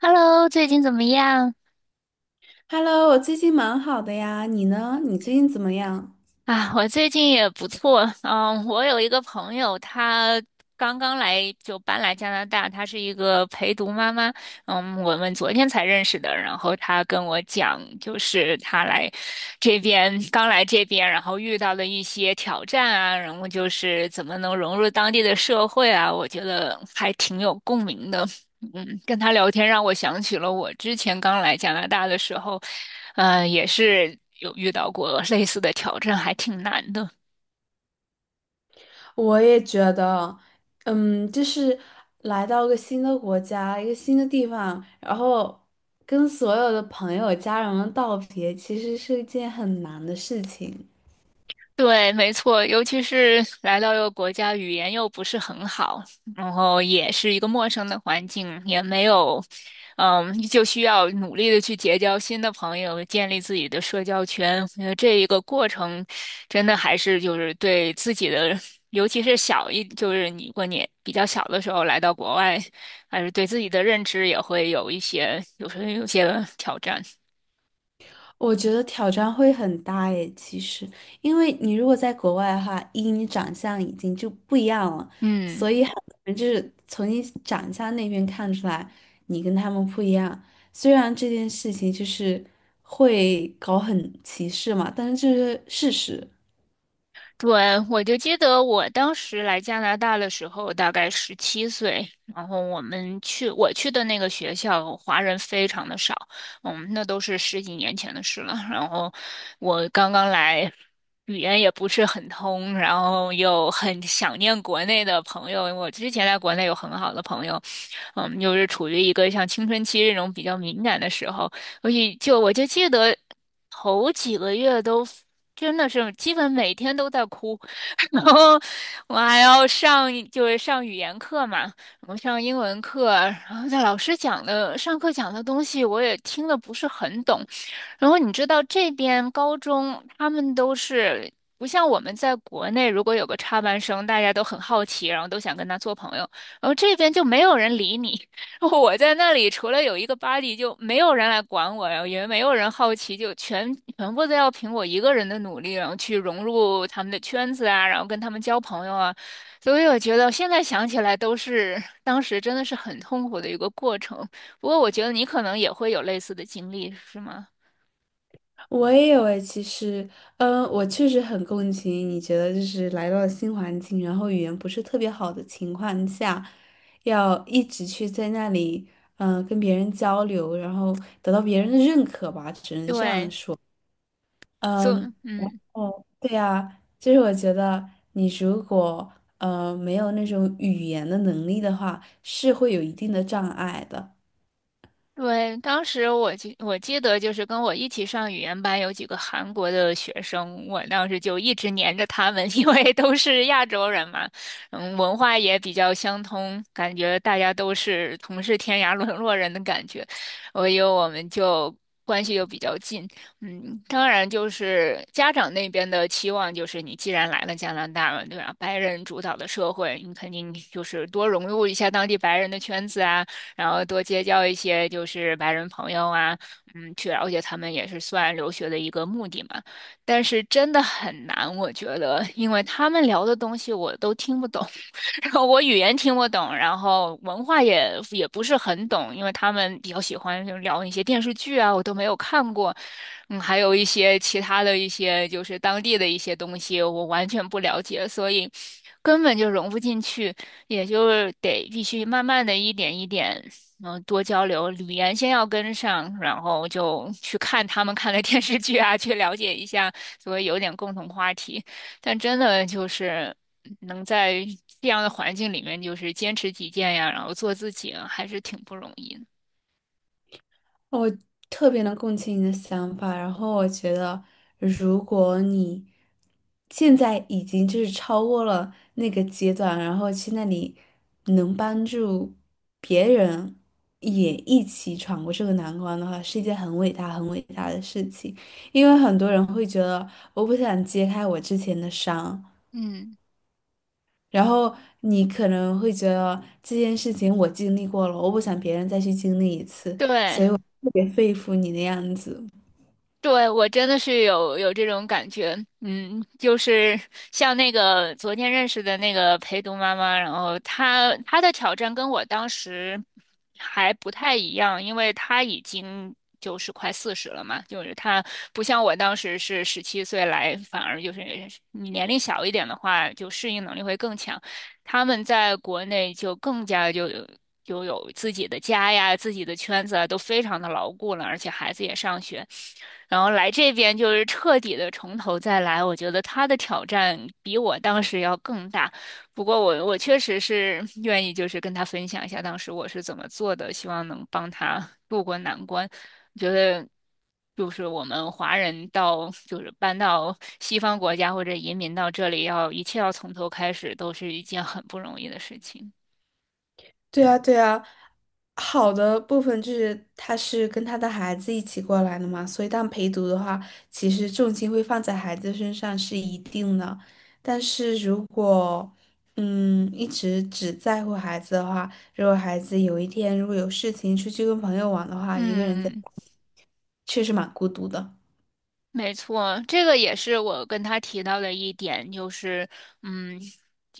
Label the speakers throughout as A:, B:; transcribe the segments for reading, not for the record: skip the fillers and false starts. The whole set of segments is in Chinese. A: Hello，最近怎么样？
B: Hello，我最近蛮好的呀，你呢？你最近怎么样？
A: 啊，我最近也不错。嗯，我有一个朋友，她刚刚来就搬来加拿大，她是一个陪读妈妈。嗯，我们昨天才认识的，然后她跟我讲，就是她来这边刚来这边，然后遇到的一些挑战啊，然后就是怎么能融入当地的社会啊，我觉得还挺有共鸣的。嗯，跟他聊天让我想起了我之前刚来加拿大的时候，也是有遇到过类似的挑战，还挺难的。
B: 我也觉得，就是来到个新的国家，一个新的地方，然后跟所有的朋友、家人们道别，其实是一件很难的事情。
A: 对，没错，尤其是来到一个国家，语言又不是很好，然后也是一个陌生的环境，也没有，嗯，就需要努力的去结交新的朋友，建立自己的社交圈。我觉得这一个过程，真的还是就是对自己的，尤其是小一，就是你过年比较小的时候来到国外，还是对自己的认知也会有一些，有时候有些挑战。
B: 我觉得挑战会很大诶，其实，因为你如果在国外的话，一你长相已经就不一样了，
A: 嗯。
B: 所以很多人就是从你长相那边看出来，你跟他们不一样。虽然这件事情就是会搞很歧视嘛，但是这是事实。
A: 对，我就记得我当时来加拿大的时候，大概十七岁，然后我去的那个学校，华人非常的少，嗯，那都是十几年前的事了。然后我刚刚来，语言也不是很通，然后又很想念国内的朋友。我之前在国内有很好的朋友，嗯，又是处于一个像青春期这种比较敏感的时候，所以就记得头几个月都真的是基本每天都在哭，然后我还要上上语言课嘛，我上英文课，然后在老师讲的上课讲的东西我也听的不是很懂，然后你知道这边高中他们都是。不像我们在国内，如果有个插班生，大家都很好奇，然后都想跟他做朋友。然后这边就没有人理你，我在那里除了有一个 BUDY 就没有人来管我，然后也没有人好奇，就全部都要凭我一个人的努力，然后去融入他们的圈子啊，然后跟他们交朋友啊。所以我觉得现在想起来都是当时真的是很痛苦的一个过程。不过我觉得你可能也会有类似的经历，是吗？
B: 我也有诶，其实，我确实很共情。你觉得就是来到了新环境，然后语言不是特别好的情况下，要一直去在那里，跟别人交流，然后得到别人的认可吧，只能这样
A: 对，
B: 说。嗯，
A: 嗯。
B: 哦，对呀，就是我觉得你如果没有那种语言的能力的话，是会有一定的障碍的。
A: 对，当时我记得就是跟我一起上语言班有几个韩国的学生，我当时就一直黏着他们，因为都是亚洲人嘛，嗯，文化也比较相通，感觉大家都是同是天涯沦落人的感觉，所以我们就关系又比较近，嗯，当然就是家长那边的期望就是你既然来了加拿大了，对吧？白人主导的社会，你肯定就是多融入一下当地白人的圈子啊。然后多结交一些就是白人朋友啊，嗯，去了解他们也是算留学的一个目的嘛。但是真的很难，我觉得，因为他们聊的东西我都听不懂。然后我语言听不懂，然后文化也不是很懂，因为他们比较喜欢就聊一些电视剧啊，我都没有看过，嗯，还有一些其他的一些就是当地的一些东西，我完全不了解，所以根本就融不进去，也就是得必须慢慢的一点一点，嗯，多交流，语言先要跟上，然后就去看他们看的电视剧啊，去了解一下，所以有点共同话题。但真的就是能在这样的环境里面，就是坚持己见呀，然后做自己啊还是挺不容易的。
B: 我特别能共情你的想法，然后我觉得，如果你现在已经就是超过了那个阶段，然后去那里能帮助别人也一起闯过这个难关的话，是一件很伟大、很伟大的事情。因为很多人会觉得，我不想揭开我之前的伤，
A: 嗯，
B: 然后你可能会觉得这件事情我经历过了，我不想别人再去经历一次，
A: 对，
B: 特别佩服你的样子。
A: 对，我真的是有这种感觉，嗯，就是像那个昨天认识的那个陪读妈妈，然后她的挑战跟我当时还不太一样，因为她已经就是快40了嘛，就是她不像我当时是十七岁来，反而就是你年龄小一点的话，就适应能力会更强。他们在国内就更加就有自己的家呀、自己的圈子啊，都非常的牢固了，而且孩子也上学，然后来这边就是彻底的从头再来，我觉得他的挑战比我当时要更大。不过我确实是 愿意，就是跟他分享一下当时我是怎么做的，希望能帮他渡过难关。我觉得就是我们华人就是搬到西方国家或者移民到这里要，一切要从头开始，都是一件很不容易的事情。
B: 对啊，对啊，好的部分就是他是跟他的孩子一起过来的嘛，所以当陪读的话，其实重心会放在孩子身上是一定的。但是如果一直只在乎孩子的话，如果孩子有一天如果有事情出去跟朋友玩的话，一个人在家
A: 嗯。
B: 里确实蛮孤独的。
A: 没错，这个也是我跟他提到的一点，就是，嗯，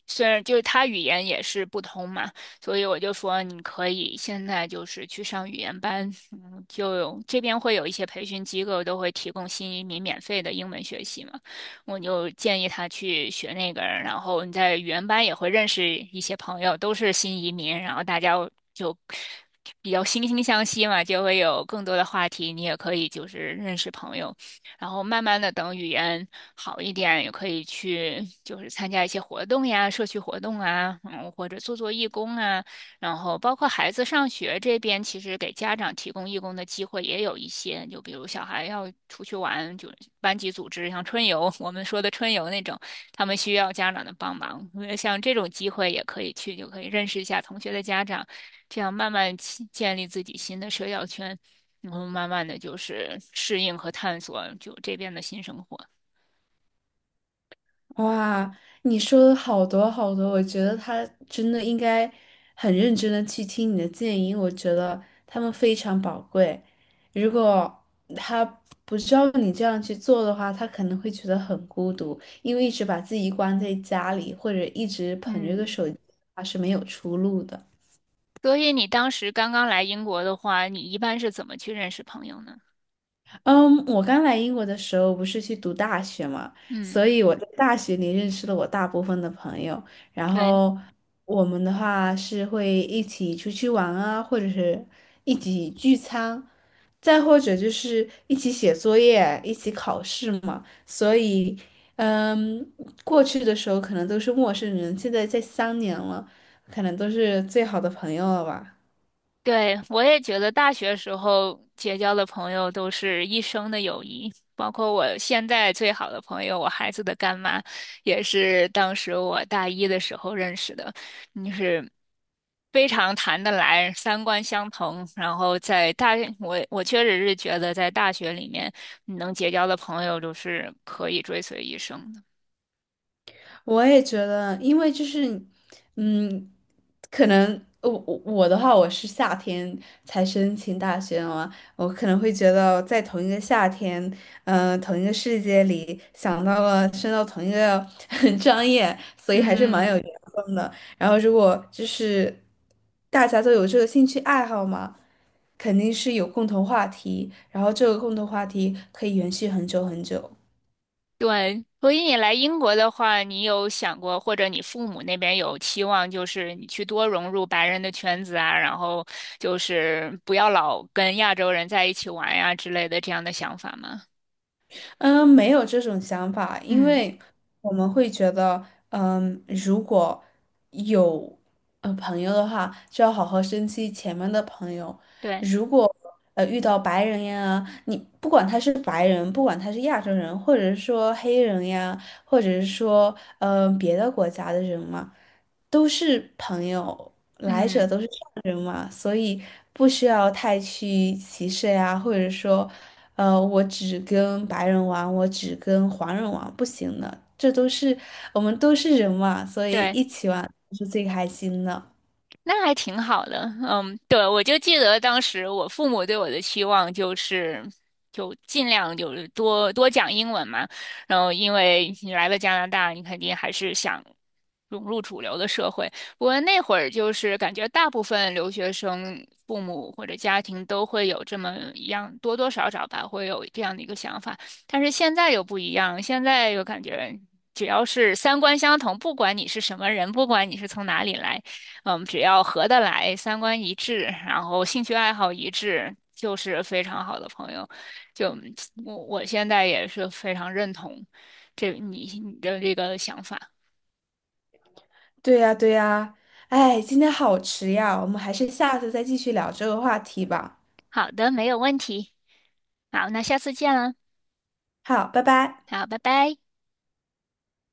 A: 虽然就是他语言也是不通嘛，所以我就说你可以现在就是去上语言班，嗯，这边会有一些培训机构都会提供新移民免费的英文学习嘛，我就建议他去学那个，然后你在语言班也会认识一些朋友，都是新移民，然后大家就比较惺惺相惜嘛，就会有更多的话题，你也可以就是认识朋友。然后慢慢的等语言好一点，也可以去就是参加一些活动呀，社区活动啊，嗯，或者做做义工啊。然后包括孩子上学这边，其实给家长提供义工的机会也有一些，就比如小孩要出去玩，就班级组织像春游，我们说的春游那种，他们需要家长的帮忙。呃像这种机会也可以去，就可以认识一下同学的家长，这样慢慢建立自己新的社交圈。然后慢慢的就是适应和探索就这边的新生活。
B: 哇，你说的好多好多，我觉得他真的应该很认真的去听你的建议，我觉得他们非常宝贵。如果他不照你这样去做的话，他可能会觉得很孤独，因为一直把自己关在家里，或者一直捧着个
A: 嗯，
B: 手机，他是没有出路的。
A: 所以你当时刚刚来英国的话，你一般是怎么去认识朋友呢？
B: 嗯，我刚来英国的时候不是去读大学嘛，
A: 嗯，
B: 所以我在大学里认识了我大部分的朋友，然
A: 对，
B: 后我们的话是会一起出去玩啊，或者是一起聚餐，再或者就是一起写作业、一起考试嘛。所以，嗯，过去的时候可能都是陌生人，现在在3年了，可能都是最好的朋友了吧。
A: 对，我也觉得大学时候结交的朋友都是一生的友谊，包括我现在最好的朋友，我孩子的干妈，也是当时我大一的时候认识的，就是非常谈得来，三观相同。然后我确实是觉得在大学里面你能结交的朋友，都是可以追随一生的。
B: 我也觉得，因为就是，嗯，可能我的话，我是夏天才申请大学嘛，我可能会觉得在同一个夏天，同一个世界里，想到了升到同一个 专业，所以还是蛮
A: 嗯，
B: 有缘分的。然后如果就是大家都有这个兴趣爱好嘛，肯定是有共同话题，然后这个共同话题可以延续很久很久。
A: 对，所以你来英国的话，你有想过，或者你父母那边有期望，就是你去多融入白人的圈子啊，然后就是不要老跟亚洲人在一起玩呀之类的这样的想法吗？
B: 嗯，没有这种想法，因
A: 嗯，
B: 为我们会觉得，如果有朋友的话，就要好好珍惜前面的朋友。
A: 对，
B: 如果遇到白人呀，你不管他是白人，不管他是亚洲人，或者是说黑人呀，或者是说别的国家的人嘛，都是朋友，来者
A: 嗯。
B: 都是善人嘛，所以不需要太去歧视呀，或者说。我只跟白人玩，我只跟黄人玩，不行的，这都是我们都是人嘛，所以
A: 对，
B: 一起玩是最开心的。
A: 那还挺好的，嗯，对，我就记得当时我父母对我的期望就是，就尽量就是多多讲英文嘛，然后因为你来了加拿大，你肯定还是想融入主流的社会。不过那会儿就是感觉大部分留学生父母或者家庭都会有这么一样，多多少少吧，会有这样的一个想法。但是现在又不一样，现在又感觉只要是三观相同，不管你是什么人，不管你是从哪里来。嗯，只要合得来，三观一致，然后兴趣爱好一致，就是非常好的朋友。就我现在也是非常认同你的这个想法。
B: 对呀，对呀，哎，今天好迟呀，我们还是下次再继续聊这个话题吧。
A: 好的，没有问题。好，那下次见了。
B: 好，拜拜。
A: 好，拜拜。